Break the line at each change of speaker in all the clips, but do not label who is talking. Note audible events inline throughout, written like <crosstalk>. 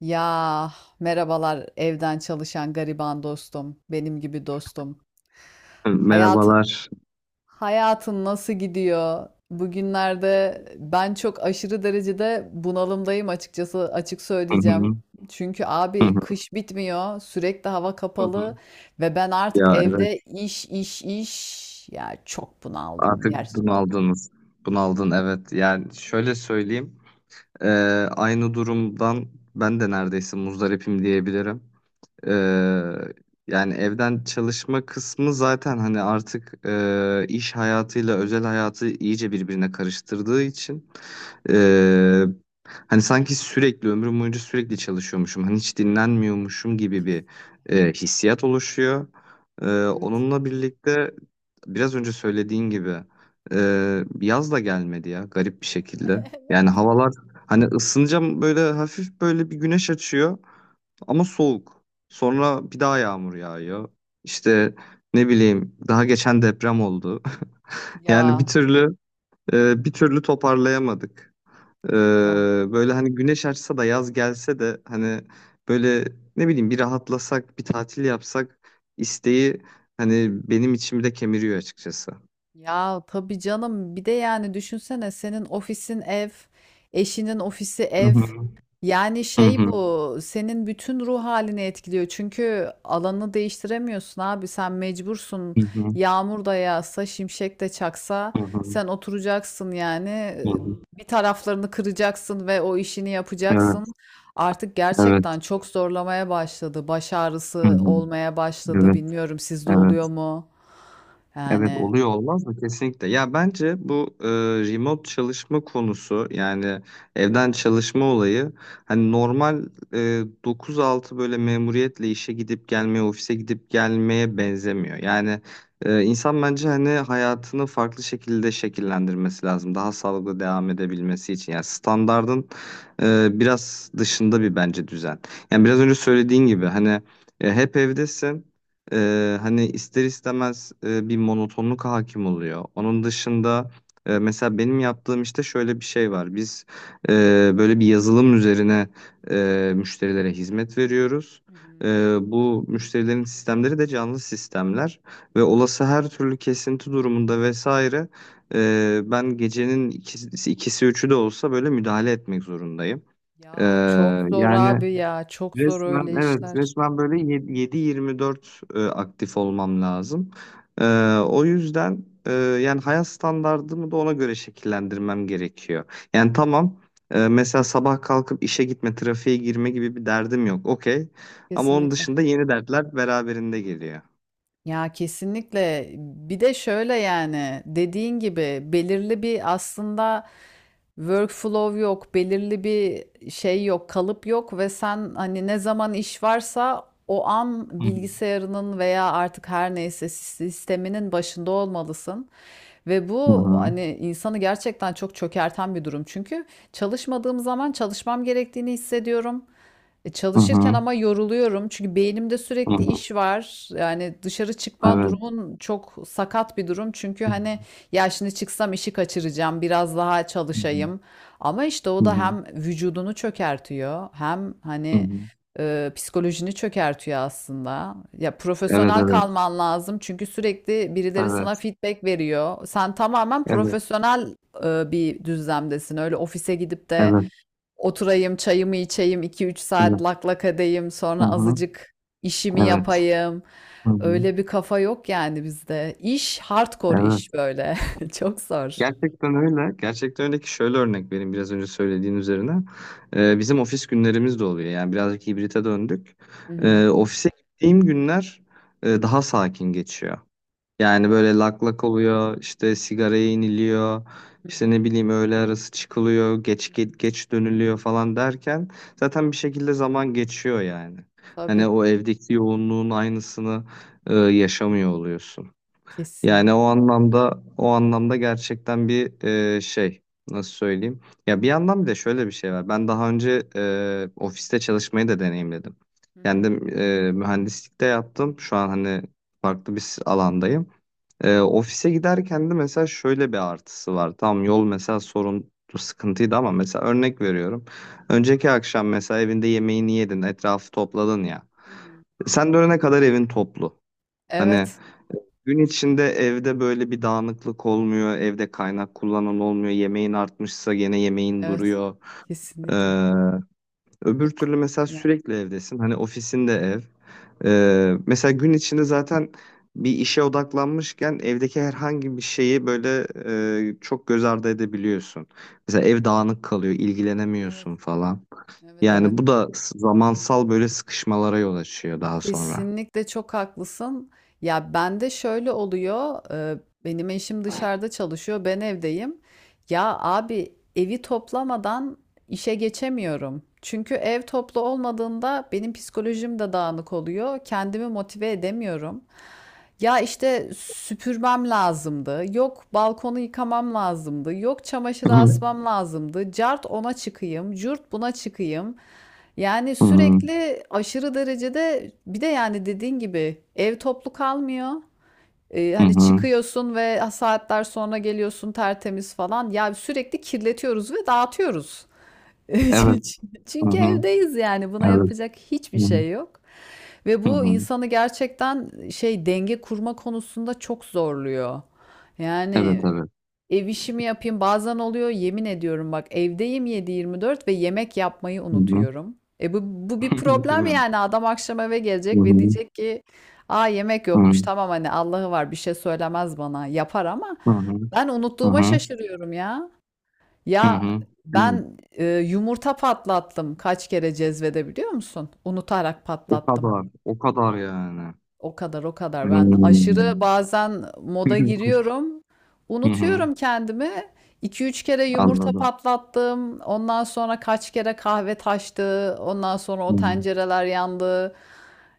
Ya merhabalar evden çalışan gariban dostum, benim gibi dostum. Hayatın
Merhabalar.
hayatın nasıl gidiyor? Bugünlerde ben çok aşırı derecede bunalımdayım açıkçası açık
Hı
söyleyeceğim.
hı,
Çünkü
hı
abi
hı,
kış bitmiyor, sürekli hava
hı
kapalı
hı.
ve ben artık
Ya evet
evde iş iş iş ya çok bunaldım
artık
gerçekten.
bunaldınız. Bunaldın evet. Yani şöyle söyleyeyim. Ee, Aynı durumdan ben de neredeyse muzdaripim diyebilirim. Ee, Yani evden çalışma kısmı zaten hani artık iş hayatıyla özel hayatı iyice birbirine karıştırdığı için. Ee, Hani sanki sürekli ömrüm boyunca sürekli çalışıyormuşum. Hani hiç dinlenmiyormuşum gibi bir hissiyat oluşuyor.
Evet.
Onunla birlikte biraz önce söylediğin gibi yaz da gelmedi ya garip bir şekilde. Yani havalar hani ısınacağım böyle hafif böyle bir güneş açıyor ama soğuk. Sonra bir daha yağmur yağıyor. İşte ne bileyim daha geçen deprem oldu. <laughs> Yani
Ya
bir türlü toparlayamadık. Ee,
ya
Böyle hani güneş açsa da yaz gelse de hani böyle ne bileyim bir rahatlasak, bir tatil yapsak isteği hani benim içimde kemiriyor açıkçası.
ya, tabii canım. Bir de yani düşünsene, senin ofisin ev, eşinin ofisi
Hı
ev.
hı.
Yani
Hı
şey,
hı.
bu senin bütün ruh halini etkiliyor. Çünkü alanı değiştiremiyorsun abi, sen mecbursun.
Hı hı.
Yağmur da yağsa, şimşek de çaksa
Hı hı.
sen oturacaksın yani.
Hı hı.
Bir taraflarını kıracaksın ve o işini
Evet,
yapacaksın. Artık
evet.
gerçekten çok zorlamaya başladı. Baş
Hı
ağrısı
hı.
olmaya başladı.
Evet,
Bilmiyorum sizde oluyor
evet.
mu?
Evet
Yani
oluyor olmaz mı? Kesinlikle. Ya bence bu remote çalışma konusu yani evden çalışma olayı hani normal e, 9-6 böyle memuriyetle işe gidip gelmeye, ofise gidip gelmeye benzemiyor. Yani insan bence hani hayatını farklı şekilde şekillendirmesi lazım. Daha sağlıklı devam edebilmesi için. Yani standardın biraz dışında bir bence düzen. Yani biraz önce söylediğin gibi hani hep evdesin. Hani ister istemez bir monotonluk hakim oluyor. Onun dışında mesela benim yaptığım işte şöyle bir şey var. Biz e, böyle bir yazılım üzerine müşterilere hizmet veriyoruz.
hı hı.
E, Bu müşterilerin sistemleri de canlı sistemler ve olası her türlü kesinti durumunda vesaire ben gecenin ikisi, ikisi üçü de olsa böyle müdahale etmek zorundayım. E,
Ya çok zor
Yani.
abi ya. Çok zor öyle
Resmen evet
işler.
resmen böyle 7-24 aktif olmam lazım. E, O yüzden yani hayat standardımı da ona göre şekillendirmem gerekiyor. Yani tamam mesela sabah kalkıp işe gitme, trafiğe girme gibi bir derdim yok. Okey. Ama onun
Kesinlikle.
dışında yeni dertler beraberinde geliyor.
Ya kesinlikle, bir de şöyle yani dediğin gibi belirli bir aslında workflow yok, belirli bir şey yok, kalıp yok ve sen hani ne zaman iş varsa o an
Hı hı.
bilgisayarının veya artık her neyse sisteminin başında olmalısın. Ve bu
Hı
hani insanı gerçekten çok çökerten bir durum. Çünkü çalışmadığım zaman çalışmam gerektiğini hissediyorum. Çalışırken
hı.
ama yoruluyorum çünkü beynimde
Hı
sürekli
hı.
iş var. Yani dışarı çıkma
Evet.
durumun çok sakat bir durum. Çünkü
Hı hı.
hani ya şimdi çıksam işi kaçıracağım, biraz daha
Evet.
çalışayım. Ama işte o
Hı hı.
da
Hı hı.
hem vücudunu çökertiyor, hem
Hı
hani
hı.
psikolojini çökertiyor aslında. Ya
Evet,
profesyonel
evet.
kalman lazım çünkü sürekli birileri sana
Evet.
feedback veriyor. Sen tamamen
Evet.
profesyonel bir düzlemdesin. Öyle ofise gidip de
Evet.
oturayım, çayımı içeyim, iki üç saat
Evet.
lak lak edeyim,
Hı
sonra
hı.
azıcık işimi
Evet.
yapayım.
Hı hı.
Öyle bir kafa yok yani bizde. İş hardcore iş
Evet.
böyle. <laughs> Çok zor.
Gerçekten öyle. Gerçekten öyle ki şöyle örnek vereyim biraz önce söylediğin üzerine. Bizim ofis günlerimiz de oluyor. Yani birazcık hibrite döndük.
Hı hı.
Ofise gittiğim günler daha sakin geçiyor. Yani
Değil mi?
böyle lak lak oluyor, işte sigaraya iniliyor,
Hı
işte ne
hı,
bileyim öğle arası çıkılıyor,
hı
geç geç,
hı.
geç dönülüyor falan derken zaten bir şekilde zaman geçiyor yani. Hani
Tabii,
o evdeki yoğunluğun aynısını yaşamıyor oluyorsun. Yani o
kesinlikle.
anlamda o anlamda gerçekten bir şey, nasıl söyleyeyim? Ya bir yandan bir de şöyle bir şey var. Ben daha önce ofiste çalışmayı da deneyimledim.
Hı hı,
Kendim mühendislikte yaptım. Şu an hani farklı bir alandayım.
hı
Ofise giderken de mesela şöyle bir artısı var. Tamam yol mesela sorun sıkıntıydı ama mesela örnek veriyorum. Önceki akşam mesela evinde yemeğini yedin, etrafı topladın ya.
hı, hı hı.
Sen dönene kadar evin toplu. Hani
Evet,
gün içinde evde böyle bir dağınıklık olmuyor, evde kaynak kullanan olmuyor, yemeğin artmışsa gene yemeğin
evet,
duruyor. Ee,
kesinlikle.
Öbür
Bu, k-
türlü mesela
yani
sürekli evdesin, hani ofisinde ev. Mesela gün içinde zaten bir işe odaklanmışken evdeki herhangi bir şeyi böyle çok göz ardı edebiliyorsun. Mesela ev dağınık kalıyor,
evet,
ilgilenemiyorsun falan.
evet, evet.
Yani bu da zamansal böyle sıkışmalara yol açıyor daha sonra.
Kesinlikle çok haklısın. Ya bende şöyle oluyor. Benim eşim dışarıda çalışıyor, ben evdeyim. Ya abi evi toplamadan işe geçemiyorum. Çünkü ev toplu olmadığında benim psikolojim de dağınık oluyor. Kendimi motive edemiyorum. Ya işte süpürmem lazımdı. Yok balkonu yıkamam lazımdı. Yok
Hı
çamaşırı
hı.
asmam lazımdı. Cart ona çıkayım, curt buna çıkayım. Yani
Hı hı.
sürekli aşırı derecede, bir de yani dediğin gibi ev toplu kalmıyor.
Hı
Hani
hı.
çıkıyorsun ve saatler sonra geliyorsun tertemiz falan. Ya sürekli kirletiyoruz ve dağıtıyoruz. <laughs>
Evet. Hı
Çünkü
hı.
evdeyiz yani, buna
Evet.
yapacak hiçbir
Hı hı.
şey yok. Ve
Hı
bu
hı.
insanı gerçekten şey, denge kurma konusunda çok zorluyor.
Evet,
Yani
evet.
ev işimi yapayım bazen oluyor, yemin ediyorum bak, evdeyim 7-24 ve yemek yapmayı
Hı hı.
unutuyorum. E bu bir
<laughs> Değil
problem
mi?
yani. Adam akşam eve
Hı
gelecek ve
hı.
diyecek ki aa yemek
Hı
yokmuş, tamam hani Allah'ı var bir şey söylemez, bana yapar ama
hı. Hı hı.
ben
Hı
unuttuğuma
hı.
şaşırıyorum ya.
Hı
Ya
hı. Değil mi?
ben yumurta patlattım kaç kere cezvede, biliyor musun? Unutarak
O
patlattım.
kadar. O kadar yani.
O kadar o kadar. Ben aşırı
Hmm.
bazen moda
<laughs>
giriyorum.
Hı hı.
Unutuyorum kendimi. iki üç kere yumurta
Anladım.
patlattım. Ondan sonra kaç kere kahve taştı. Ondan sonra o
Hı.
tencereler yandı.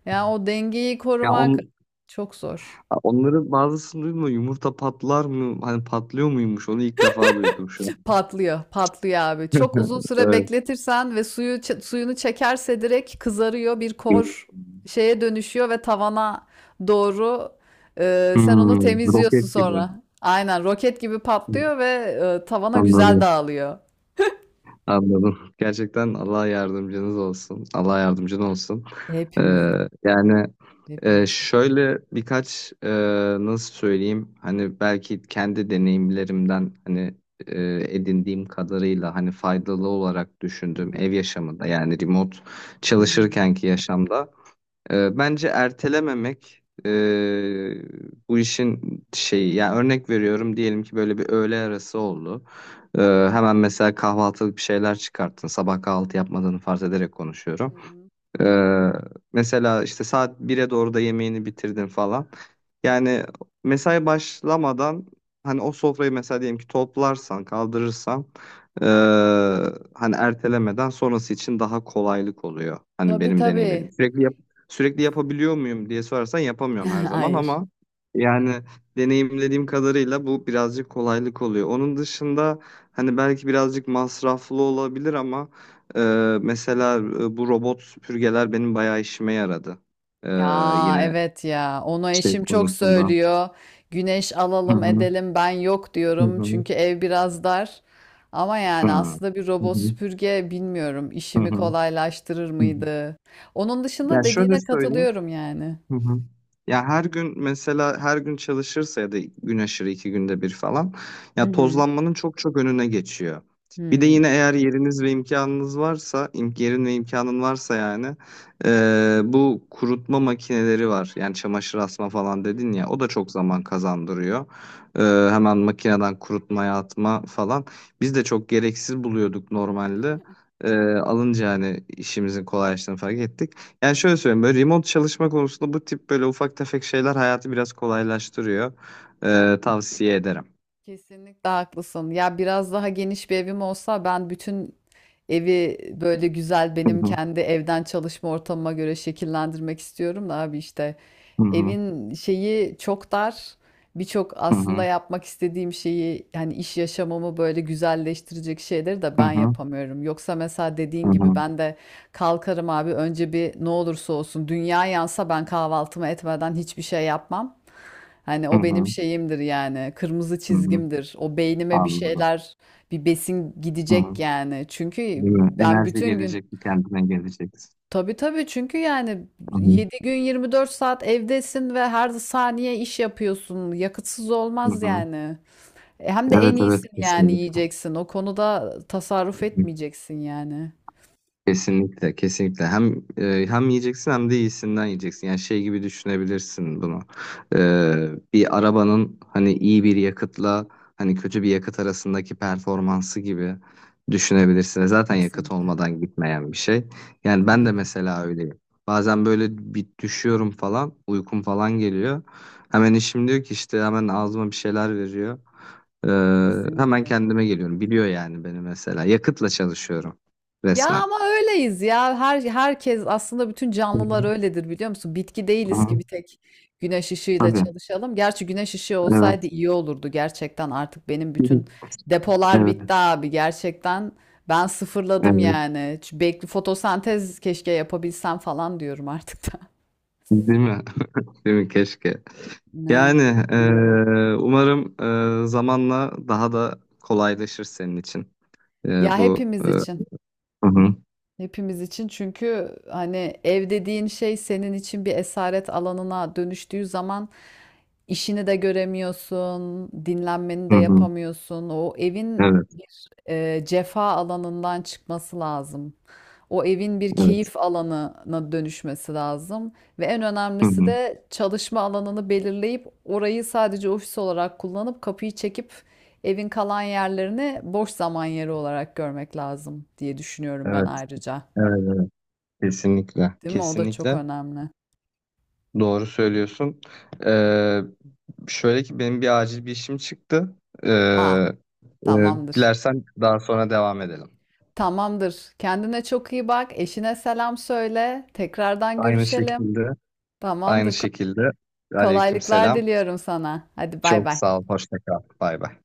Yani o dengeyi
Ya
korumak çok zor.
onları bazısını duydum da yumurta patlar mı? Hani patlıyor muymuş? Onu ilk defa duydum şu an.
Patlıyor, patlıyor abi. Çok uzun
<laughs>
süre
Evet.
bekletirsen ve suyunu çekerse direkt kızarıyor, bir kor şeye dönüşüyor ve tavana doğru, sen onu
Hmm. Roket
temizliyorsun
gibi.
sonra. Aynen roket gibi patlıyor ve tavana güzel
Anladım.
dağılıyor.
Anladım. Gerçekten Allah yardımcınız olsun. Allah yardımcın olsun. Ee,
Hepimizin,
Yani.
hepimizin.
Şöyle birkaç nasıl söyleyeyim hani belki kendi deneyimlerimden hani edindiğim kadarıyla hani faydalı olarak
Hı
düşündüğüm
hı.
ev yaşamında yani remote
Hı hı.
çalışırkenki yaşamda bence ertelememek, bu işin şeyi yani örnek veriyorum diyelim ki böyle bir öğle arası oldu. E, Hemen mesela kahvaltılık bir şeyler çıkarttın sabah kahvaltı yapmadığını farz ederek
Hı
konuşuyorum.
hı.
Ee, Mesela işte saat bir'e doğru da yemeğini bitirdin falan. Yani mesai başlamadan hani o sofrayı mesela diyelim ki toplarsan, kaldırırsan ee, hani ertelemeden sonrası için daha kolaylık oluyor. Hani
Tabii
benim deneyimlerim.
tabii.
Sürekli yapabiliyor muyum diye sorarsan yapamıyorum her zaman
<laughs> Hayır.
ama yani deneyimlediğim kadarıyla bu birazcık kolaylık oluyor. Onun dışında hani belki birazcık masraflı olabilir ama mesela bu robot süpürgeler benim bayağı işime yaradı. Ee,
Ya
Yine
evet ya, onu
şey
eşim çok
konusunda.
söylüyor. Güneş
Hı
alalım
hı.
edelim, ben yok
Hı
diyorum
hı.
çünkü ev biraz dar. Ama
Hı.
yani aslında bir
Hı
robot
hı.
süpürge bilmiyorum
Hı
işimi
hı.
kolaylaştırır
Hı hı.
mıydı? Onun
Ya
dışında
şöyle
dediğine
söyleyeyim.
katılıyorum yani.
Hı hı. Ya her gün mesela her gün çalışırsa ya da gün aşırı iki günde bir falan
Hı
ya
hı.
tozlanmanın çok çok önüne geçiyor. Bir de
Hmm.
yine eğer yeriniz ve imkanınız varsa, yerin ve imkanın varsa yani bu kurutma makineleri var. Yani çamaşır asma falan dedin ya o da çok zaman kazandırıyor. Hemen makineden kurutmaya atma falan. Biz de çok gereksiz buluyorduk normalde. Alınca hani işimizin kolaylaştığını fark ettik. Yani şöyle söyleyeyim böyle remote çalışma konusunda bu tip böyle ufak tefek şeyler hayatı biraz kolaylaştırıyor. Tavsiye ederim.
Kesinlikle haklısın. Ya biraz daha geniş bir evim olsa ben bütün evi böyle güzel,
Hı
benim
hı,
kendi evden çalışma ortamıma göre şekillendirmek istiyorum da abi işte.
hı hı,
Evin şeyi çok dar. Birçok
hı
aslında
hı,
yapmak istediğim şeyi, hani iş yaşamımı böyle güzelleştirecek şeyleri de
hı
ben
hı,
yapamıyorum. Yoksa mesela dediğin
hı
gibi
hı,
ben de kalkarım abi, önce bir ne olursa olsun dünya yansa ben kahvaltımı etmeden hiçbir şey yapmam. Hani
hı
o benim
hı,
şeyimdir yani, kırmızı
hı hı.
çizgimdir. O beynime bir
Anladım.
şeyler, bir besin
Hı hı.
gidecek yani. Çünkü
Değil mi?
ben
Enerji
bütün gün,
gelecek, kendine gelecek.
tabii tabii çünkü yani
Hı hı,
7 gün 24 saat evdesin ve her saniye iş yapıyorsun. Yakıtsız
hı
olmaz
hı.
yani. Hem de
Evet
en
evet
iyisin yani
kesinlikle.
yiyeceksin. O konuda tasarruf etmeyeceksin yani.
Kesinlikle, kesinlikle. Hem yiyeceksin hem de iyisinden yiyeceksin. Yani şey gibi düşünebilirsin bunu. Bir arabanın hani iyi bir yakıtla hani kötü bir yakıt arasındaki performansı gibi düşünebilirsin. Zaten yakıt
Kesinlikle.
olmadan gitmeyen bir şey. Yani ben
Tabii
de
ki.
mesela öyleyim. Bazen böyle bir düşüyorum falan, uykum falan geliyor. Hemen eşim diyor ki işte hemen ağzıma bir şeyler veriyor. Hemen
Kesinlikle.
kendime geliyorum. Biliyor yani beni mesela. Yakıtla çalışıyorum
Ya
resmen.
ama öyleyiz ya. Herkes aslında, bütün
Hı
canlılar
hı.
öyledir, biliyor musun? Bitki
Hı
değiliz ki
hı.
bir tek güneş ışığıyla
Tabii.
çalışalım. Gerçi güneş ışığı olsaydı
Evet.
iyi olurdu gerçekten. Artık benim bütün
<laughs>
depolar
Evet.
bitti abi gerçekten. Ben sıfırladım
Evet.
yani. Şu Bekli fotosentez keşke yapabilsem falan diyorum artık da. <laughs>
Değil mi? <laughs> Değil mi? Keşke.
Ne?
Yani umarım zamanla daha da kolaylaşır senin için.
Ya
Bu
hepimiz için.
hı hı.
Hepimiz için. Çünkü hani ev dediğin şey senin için bir esaret alanına dönüştüğü zaman işini de göremiyorsun, dinlenmeni
Hı
de
hı.
yapamıyorsun. O evin
Evet.
cefa alanından çıkması lazım. O evin bir
Evet.
keyif alanına dönüşmesi lazım ve en
Hı
önemlisi
hı.
de çalışma alanını belirleyip orayı sadece ofis olarak kullanıp kapıyı çekip evin kalan yerlerini boş zaman yeri olarak görmek lazım diye düşünüyorum ben
Evet.
ayrıca.
Evet. Evet. Kesinlikle.
Değil mi? O da çok
Kesinlikle.
önemli.
Doğru söylüyorsun. Eee, Şöyle ki benim bir acil bir işim çıktı.
Aa,
Eee,
tamamdır.
Dilersen daha sonra devam edelim.
Tamamdır. Kendine çok iyi bak. Eşine selam söyle. Tekrardan
Aynı
görüşelim.
şekilde. Aynı
Tamamdır. Ko-
şekilde. Aleyküm
Kolaylıklar
selam.
diliyorum sana. Hadi bay
Çok
bay.
sağ ol. Hoşça kal. Bay bay.